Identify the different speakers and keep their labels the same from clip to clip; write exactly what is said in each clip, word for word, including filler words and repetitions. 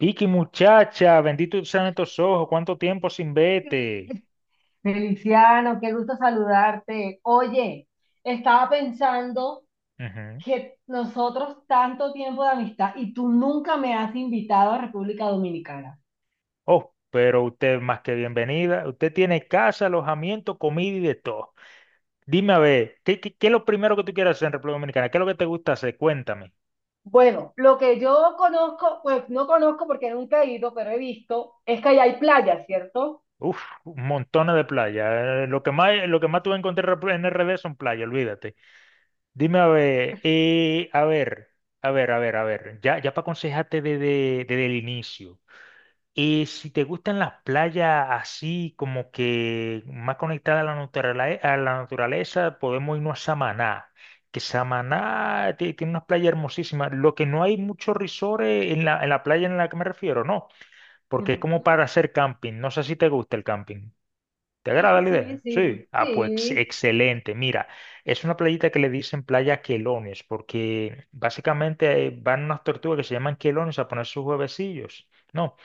Speaker 1: Vicky, muchacha, bendito sean estos ojos, cuánto tiempo sin vete.
Speaker 2: Feliciano, qué gusto saludarte. Oye, estaba pensando
Speaker 1: Ujú.
Speaker 2: que nosotros tanto tiempo de amistad y tú nunca me has invitado a República Dominicana.
Speaker 1: Oh, pero usted más que bienvenida. Usted tiene casa, alojamiento, comida y de todo. Dime a ver, ¿qué, qué, qué es lo primero que tú quieres hacer en República Dominicana? ¿Qué es lo que te gusta hacer? Cuéntame.
Speaker 2: Bueno, lo que yo conozco, pues no conozco porque nunca he ido, pero he visto, es que allá hay playas, ¿cierto?
Speaker 1: Uf, montones de playas. eh, Lo que más, lo que más tú vas a encontrar en R D son playas, olvídate. Dime a ver, eh, a ver, a ver, a ver, a ver. Ya, ya para aconsejarte desde, desde el inicio. Y si te gustan las playas así, como que más conectadas a la naturale- a la naturaleza, podemos irnos a Samaná. Que Samaná ti- tiene unas playas hermosísimas. Lo que no hay muchos risores en la, en la playa en la que me refiero, no. Porque es
Speaker 2: Ujú.
Speaker 1: como para hacer camping. No sé si te gusta el camping. ¿Te
Speaker 2: Sí,
Speaker 1: agrada la
Speaker 2: sí,
Speaker 1: idea?
Speaker 2: sí,
Speaker 1: Sí. Ah, pues ex-
Speaker 2: sí.
Speaker 1: excelente. Mira, es una playita que le dicen playa quelones, porque básicamente eh, van unas tortugas que se llaman quelones a poner sus huevecillos. ¿No?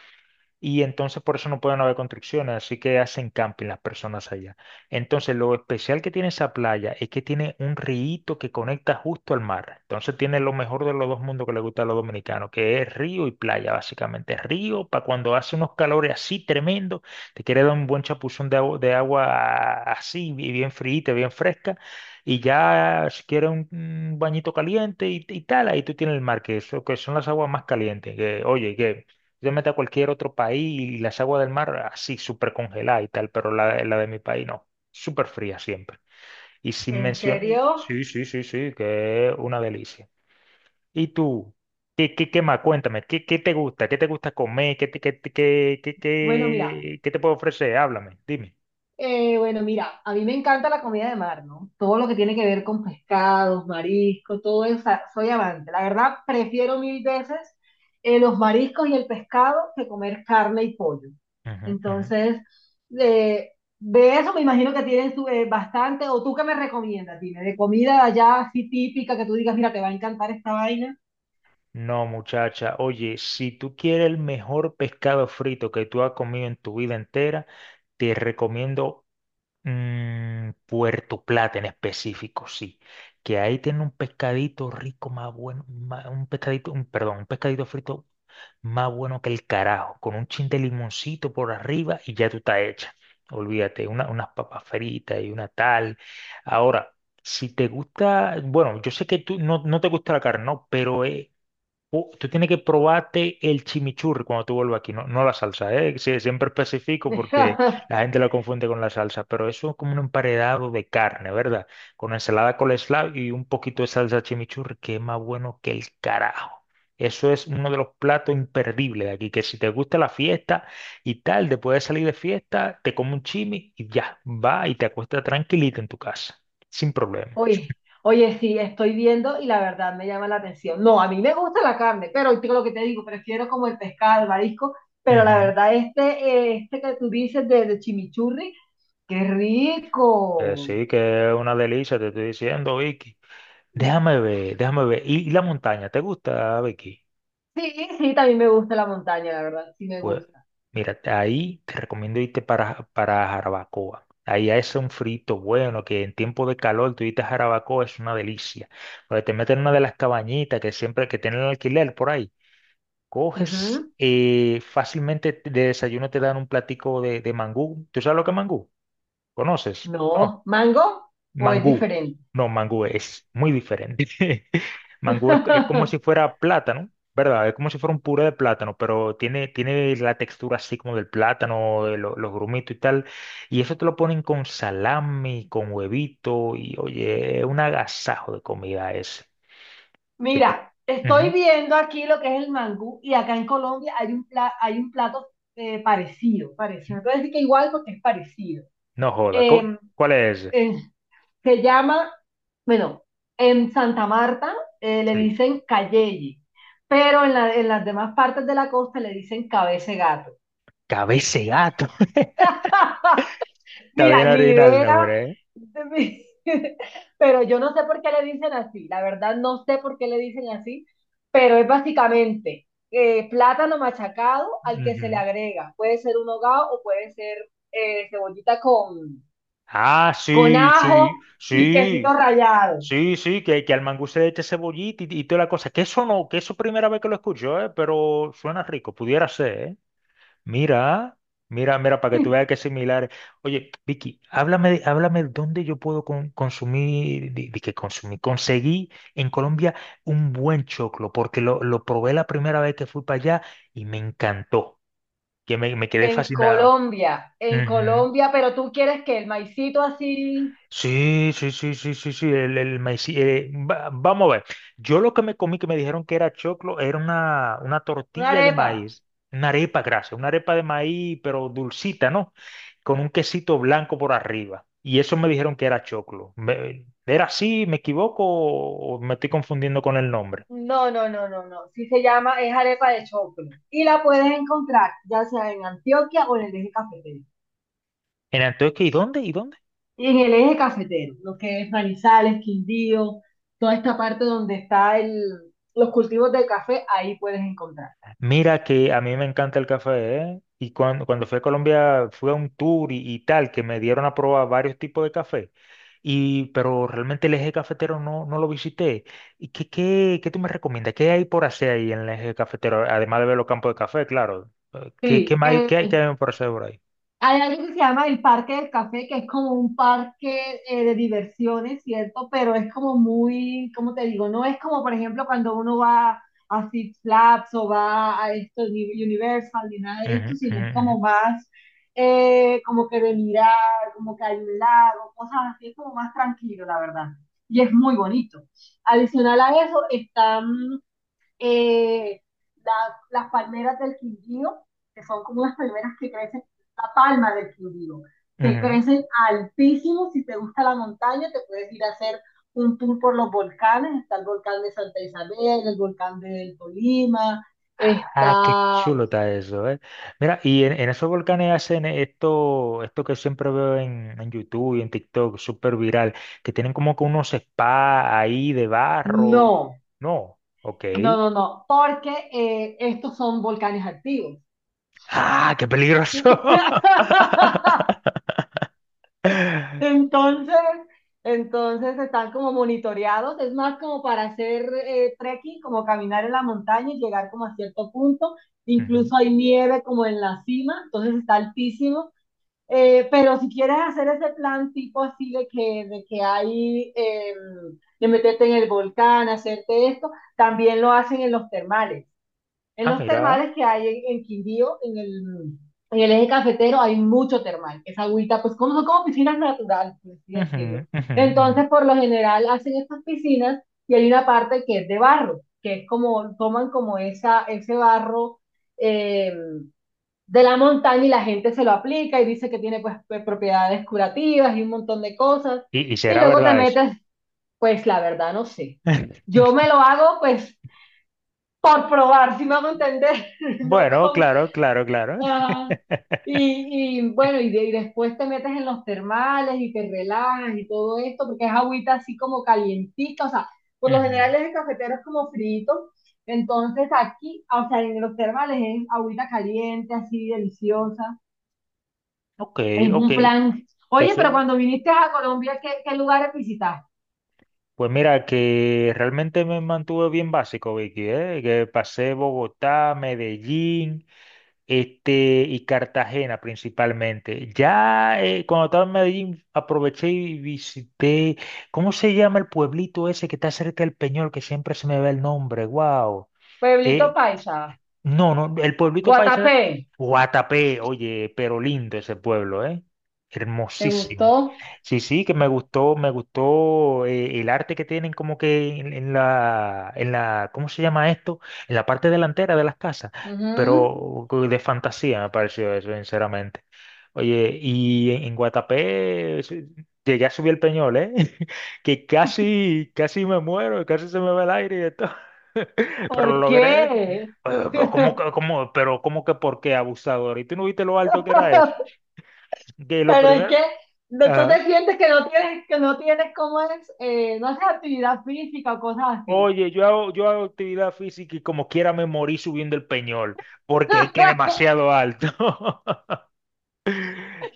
Speaker 1: Y entonces por eso no pueden haber construcciones, así que hacen camping las personas allá. Entonces lo especial que tiene esa playa es que tiene un río que conecta justo al mar. Entonces tiene lo mejor de los dos mundos que le gusta a los dominicanos, que es río y playa, básicamente. Río para cuando hace unos calores así tremendos, te quiere dar un buen chapuzón de agua, de agua así, bi- bien fríita, bien fresca. Y ya si quieres un, un bañito caliente y, y tal, ahí tú tienes el mar, que, eso, que son las aguas más calientes. Que, oye, que yo me meto a cualquier otro país y las aguas del mar así, súper congeladas y tal, pero la, la de mi país no, súper fría siempre. Y sin
Speaker 2: ¿En
Speaker 1: mencionar,
Speaker 2: serio?
Speaker 1: sí, sí, sí, sí, que es una delicia. ¿Y tú? ¿Qué, qué, qué más? Cuéntame, ¿qué, qué te gusta? ¿Qué te gusta comer? ¿Qué te, qué, te- qué, qué,
Speaker 2: Bueno, mira.
Speaker 1: qué, qué te puedo ofrecer? Háblame, dime.
Speaker 2: Eh, bueno, Mira, a mí me encanta la comida de mar, ¿no? Todo lo que tiene que ver con pescados, mariscos, todo eso, o sea, soy amante. La verdad, prefiero mil veces eh, los mariscos y el pescado que comer carne y pollo.
Speaker 1: Ujú, ujú.
Speaker 2: Entonces, eh, de eso me imagino que tienen su- eh, bastante. ¿O tú qué me recomiendas? Dime, de comida de allá así típica que tú digas, mira, te va a encantar esta vaina.
Speaker 1: No, muchacha, oye, si tú quieres el mejor pescado frito que tú has comido en tu vida entera, te recomiendo Mm, Puerto Plata en específico, sí. Que ahí tiene un pescadito rico más bueno, ma- un pescadito, un, perdón, un pescadito frito más bueno que el carajo, con un chin de limoncito por arriba y ya tú estás hecha. Olvídate, una- unas papas fritas y una tal. Ahora, si te gusta, bueno, yo sé que tú no, no te gusta la carne, ¿no? Pero eh, Uh, tú tienes que probarte el chimichurri cuando tú vuelvas aquí, no, no la salsa, ¿eh? Sí, siempre especifico porque la gente lo confunde con la salsa, pero eso es como un emparedado de carne, ¿verdad? Con ensalada coleslaw y un poquito de salsa chimichurri, que es más bueno que el carajo. Eso es uno de los platos imperdibles de aquí, que si te gusta la fiesta y tal, después de salir de fiesta, te comes un chimi y ya, va y te acuestas tranquilito en tu casa, sin problema.
Speaker 2: Oye, oye, sí, estoy viendo y la verdad me llama la atención. No, a mí me gusta la carne, pero te- lo que te digo, prefiero como el pescado, el marisco, pero la
Speaker 1: Ujú.
Speaker 2: verdad este, eh, este que tú dices de, de chimichurri, qué
Speaker 1: Eh,
Speaker 2: rico.
Speaker 1: sí, que es una delicia, te estoy diciendo, Vicky. Déjame ver, déjame ver. ¿Y, y la montaña? ¿Te gusta, Becky?
Speaker 2: Sí, sí, también me gusta la montaña, la verdad, sí me
Speaker 1: Pues
Speaker 2: gusta.
Speaker 1: mira, ahí te recomiendo irte para, para Jarabacoa. Ahí hace un frito bueno, que en tiempo de calor tú irte a Jarabacoa es una delicia. Porque te meten en una de las cabañitas que siempre que tienen alquiler por ahí. Coges
Speaker 2: Ujú.
Speaker 1: eh, fácilmente de desayuno te dan un platico de, de mangú. ¿Tú sabes lo que es mangú? ¿Conoces? No.
Speaker 2: No, mango o es
Speaker 1: Mangú.
Speaker 2: diferente.
Speaker 1: No, mangú es muy diferente. Mangú es, es como si fuera plátano, ¿verdad? Es como si fuera un puré de plátano, pero tiene, tiene la textura así como del plátano, de lo- los grumitos y tal. Y eso te lo ponen con salami, con huevito, y oye, es un agasajo de comida ese. Te pro-
Speaker 2: Mira, estoy
Speaker 1: Ujú.
Speaker 2: viendo aquí lo que es el mangú y acá en Colombia hay un, pla- hay un plato eh, parecido, parecido. No te voy a decir que igual porque es parecido.
Speaker 1: No joda. ¿cu-
Speaker 2: eh,
Speaker 1: ¿Cuál es ese?
Speaker 2: eh, Se llama, bueno, en Santa Marta eh, le
Speaker 1: Sí.
Speaker 2: dicen Cayeye, pero en, la- en las demás partes de la costa le dicen cabeza de gato.
Speaker 1: Cabeza de gato. Está
Speaker 2: Mira,
Speaker 1: bien
Speaker 2: ni
Speaker 1: original el
Speaker 2: idea.
Speaker 1: nombre, ¿eh?
Speaker 2: de mi- Pero yo no sé por qué le dicen así, la verdad no sé por qué le dicen así, pero es básicamente eh, plátano machacado al que se le
Speaker 1: Ujú.
Speaker 2: agrega. Puede ser un hogao o puede ser eh, cebollita con,
Speaker 1: Ah,
Speaker 2: con
Speaker 1: sí,
Speaker 2: ajo
Speaker 1: sí,
Speaker 2: y quesito
Speaker 1: sí.
Speaker 2: rallado.
Speaker 1: Sí, sí, que, que al mangú se le eche cebollita y, y toda la cosa. Que eso no, Que eso primera vez que lo escucho, ¿eh? Pero suena rico, pudiera ser, ¿eh? Mira, mira, mira, para que tú veas que es similar. Oye, Vicky, háblame, de- háblame dónde yo puedo con- consumir, de, de que consumí, conseguí en Colombia un buen choclo, porque lo, lo probé la primera vez que fui para allá y me encantó, que me, me quedé
Speaker 2: En
Speaker 1: fascinado.
Speaker 2: Colombia, en Colombia, pero tú quieres que el maicito así,
Speaker 1: Sí, sí, sí, sí, sí, sí, el, el maíz- eh, va- vamos a ver. Yo lo que me comí que me dijeron que era choclo era una, una
Speaker 2: una
Speaker 1: tortilla de
Speaker 2: arepa.
Speaker 1: maíz, una arepa grasa, una arepa de maíz, pero dulcita, ¿no? Con un quesito blanco por arriba. Y eso me dijeron que era choclo. Me- ¿era así? ¿Me equivoco o me estoy confundiendo con el nombre?
Speaker 2: No, no, no, no, no. Sí se llama, es arepa de choclo. Y la puedes encontrar ya sea en Antioquia o en el eje cafetero.
Speaker 1: Era entonces, ¿y dónde? ¿Y dónde?
Speaker 2: Y en el eje cafetero, lo que es Manizales, Quindío, toda esta parte donde está el, los cultivos del café, ahí puedes encontrar.
Speaker 1: Mira que a mí me encanta el café, ¿eh? Y cuando, cuando fui a Colombia fui a un tour y, y tal, que me dieron a probar varios tipos de café. Y, pero realmente el eje cafetero no, no lo visité. ¿Y qué, qué, qué tú me recomiendas? ¿Qué hay por hacer ahí en el eje cafetero? Además de ver los campos de café, claro. Eh, ¿Qué, qué
Speaker 2: Sí,
Speaker 1: más hay,
Speaker 2: eh,
Speaker 1: qué hay, qué hay por hacer por ahí?
Speaker 2: hay algo que se llama el Parque del Café, que es como un parque eh, de diversiones, ¿cierto? Pero es como muy, ¿cómo te digo? No es como, por ejemplo, cuando uno va a Six Flags o va a esto, ni Universal, ni nada de
Speaker 1: Ujú,
Speaker 2: esto, sino es
Speaker 1: ujú,
Speaker 2: como más, eh, como que de mirar, como que hay un lago, cosas así, es como más tranquilo, la verdad. Y es muy bonito. Adicional a eso, están eh, la- las palmeras del Quindío, que son como las palmeras que crecen, la palma del Quindío, que
Speaker 1: ujú, ujú.
Speaker 2: crecen altísimo. Si te gusta la montaña, te puedes ir a hacer un tour por los volcanes. Está el volcán de Santa Isabel, el volcán del Tolima,
Speaker 1: Ah, qué
Speaker 2: está...
Speaker 1: chulo está eso, ¿eh? Mira, y en, en esos volcanes hacen esto, esto que siempre veo en, en YouTube y en TikTok, súper viral, que tienen como que unos spas ahí de barro.
Speaker 2: No,
Speaker 1: No, ok.
Speaker 2: no, no, no, porque eh, estos son volcanes activos.
Speaker 1: Ah, qué peligroso.
Speaker 2: Entonces, entonces están como monitoreados, es más como para hacer eh, trekking, como caminar en la montaña y llegar como a cierto punto.
Speaker 1: Ujú.
Speaker 2: Incluso hay nieve como en la cima, entonces está altísimo. Eh, pero si quieres hacer ese plan tipo así de que, de que hay, eh, de meterte en el volcán, hacerte esto, también lo hacen en los termales. En
Speaker 1: Ah,
Speaker 2: los
Speaker 1: mira.
Speaker 2: termales que hay en, en Quindío, en el, en el eje cafetero, hay mucho termal. Esa agüita, pues como son como piscinas naturales, por así decirlo.
Speaker 1: Ujú, ujú, ujú.
Speaker 2: Entonces, por lo general, hacen estas piscinas y hay una parte que es de barro, que es como, toman como esa, ese barro eh, de la montaña y la gente se lo aplica y dice que tiene pues p- propiedades curativas y un montón de cosas.
Speaker 1: Y, y
Speaker 2: Y
Speaker 1: será
Speaker 2: luego te
Speaker 1: verdad eso.
Speaker 2: metes, pues la verdad no sé. Yo me lo hago pues por probar, si me hago entender, no
Speaker 1: Bueno,
Speaker 2: con...
Speaker 1: claro, claro, claro.
Speaker 2: Ajá. Y, y bueno, y, de- y después te metes en los termales y te relajas y todo esto, porque es agüita así como calientita, o sea, por lo
Speaker 1: Ujú.
Speaker 2: general es el cafetero es como frito, entonces aquí, o sea, en los termales es agüita caliente, así deliciosa,
Speaker 1: Ok,
Speaker 2: es
Speaker 1: ok.
Speaker 2: un plan.
Speaker 1: Que
Speaker 2: Oye,
Speaker 1: eso,
Speaker 2: pero cuando viniste a Colombia, ¿qué, qué lugares visitaste?
Speaker 1: pues mira, que realmente me mantuve bien básico, Vicky, ¿eh? Que pasé Bogotá, Medellín, este, y Cartagena principalmente. Ya eh, cuando estaba en Medellín aproveché y visité, ¿cómo se llama el pueblito ese que está cerca del Peñol, que siempre se me ve el nombre? ¡Wow!
Speaker 2: Pueblito Paisa,
Speaker 1: No, no, el pueblito paisa,
Speaker 2: Guatapé.
Speaker 1: Guatapé, oye, pero lindo ese pueblo, ¿eh?
Speaker 2: ¿Te
Speaker 1: Hermosísimo.
Speaker 2: gustó?
Speaker 1: Sí, sí, que me gustó, me gustó eh, el arte que tienen como que en, en la, en la, ¿cómo se llama esto? En la parte delantera de las casas,
Speaker 2: Ujú.
Speaker 1: pero de fantasía me pareció eso, sinceramente. Oye, y en, en Guatapé sí, llegué a subir el Peñol, ¿eh? Que casi, casi me muero, casi se me va el aire y de todo. Pero lo
Speaker 2: ¿Por
Speaker 1: logré,
Speaker 2: qué?
Speaker 1: eh, pero ¿Cómo, que- cómo, pero cómo que por qué abusador? ¿Y tú no viste lo alto que era eso? Que lo
Speaker 2: Pero es que
Speaker 1: primero,
Speaker 2: no- tú
Speaker 1: ajá.
Speaker 2: te sientes que no tienes, que no tienes cómo es, eh, no haces actividad física o cosas así.
Speaker 1: Oye, yo hago, yo hago actividad física y como quiera me morí subiendo el peñol, porque es que demasiado alto.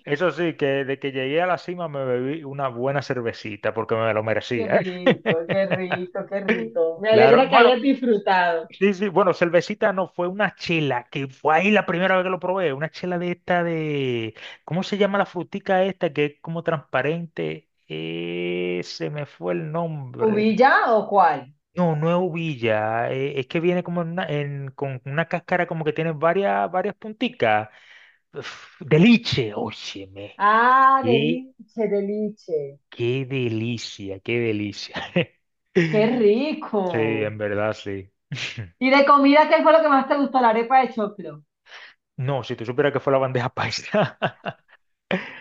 Speaker 1: Eso sí, que de que llegué a la cima me bebí una buena cervecita porque me lo
Speaker 2: Qué
Speaker 1: merecía.
Speaker 2: rico, qué rico, qué rico. Me
Speaker 1: Claro,
Speaker 2: alegra que
Speaker 1: bueno,
Speaker 2: hayas disfrutado.
Speaker 1: sí, sí, bueno, cervecita no, fue una chela, que fue ahí la primera vez que lo probé, una chela de esta de, ¿cómo se llama la frutica esta que es como transparente? Eh, se me fue el nombre.
Speaker 2: ¿Ubilla o cuál?
Speaker 1: No, no es uvilla, eh, es que viene como en una- en- con una cáscara como que tiene varias, varias punticas. Uf, de liche, óyeme,
Speaker 2: Ah,
Speaker 1: qué,
Speaker 2: deliche, deliche.
Speaker 1: qué delicia, qué delicia.
Speaker 2: Qué
Speaker 1: Sí,
Speaker 2: rico.
Speaker 1: en verdad, sí.
Speaker 2: ¿Y de comida qué fue lo que más te gustó? La arepa de choclo.
Speaker 1: No, si tú supieras que fue la bandeja paisa.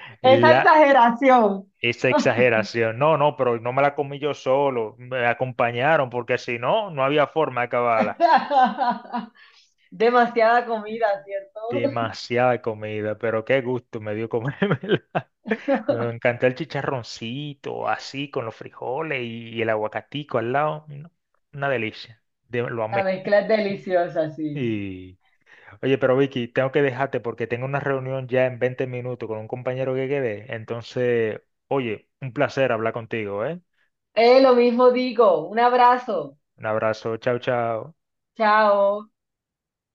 Speaker 2: Esa
Speaker 1: La,
Speaker 2: exageración.
Speaker 1: esa exageración. No, no, pero no me la comí yo solo. Me acompañaron porque si no, no había forma de acabarla.
Speaker 2: Demasiada comida, ¿cierto?
Speaker 1: Demasiada comida, pero qué gusto me dio comérmela. Me encantó el chicharroncito, así, con los frijoles y el aguacatico al lado. No, una delicia. De- lo
Speaker 2: La
Speaker 1: amé.
Speaker 2: mezcla es deliciosa, sí. Sí.
Speaker 1: Y, oye, pero Vicky, tengo que dejarte porque tengo una reunión ya en veinte minutos con un compañero que quedé. Entonces, oye, un placer hablar contigo, ¿eh?
Speaker 2: Eh, lo mismo digo. Un abrazo.
Speaker 1: Un abrazo, chao, chao.
Speaker 2: Chao.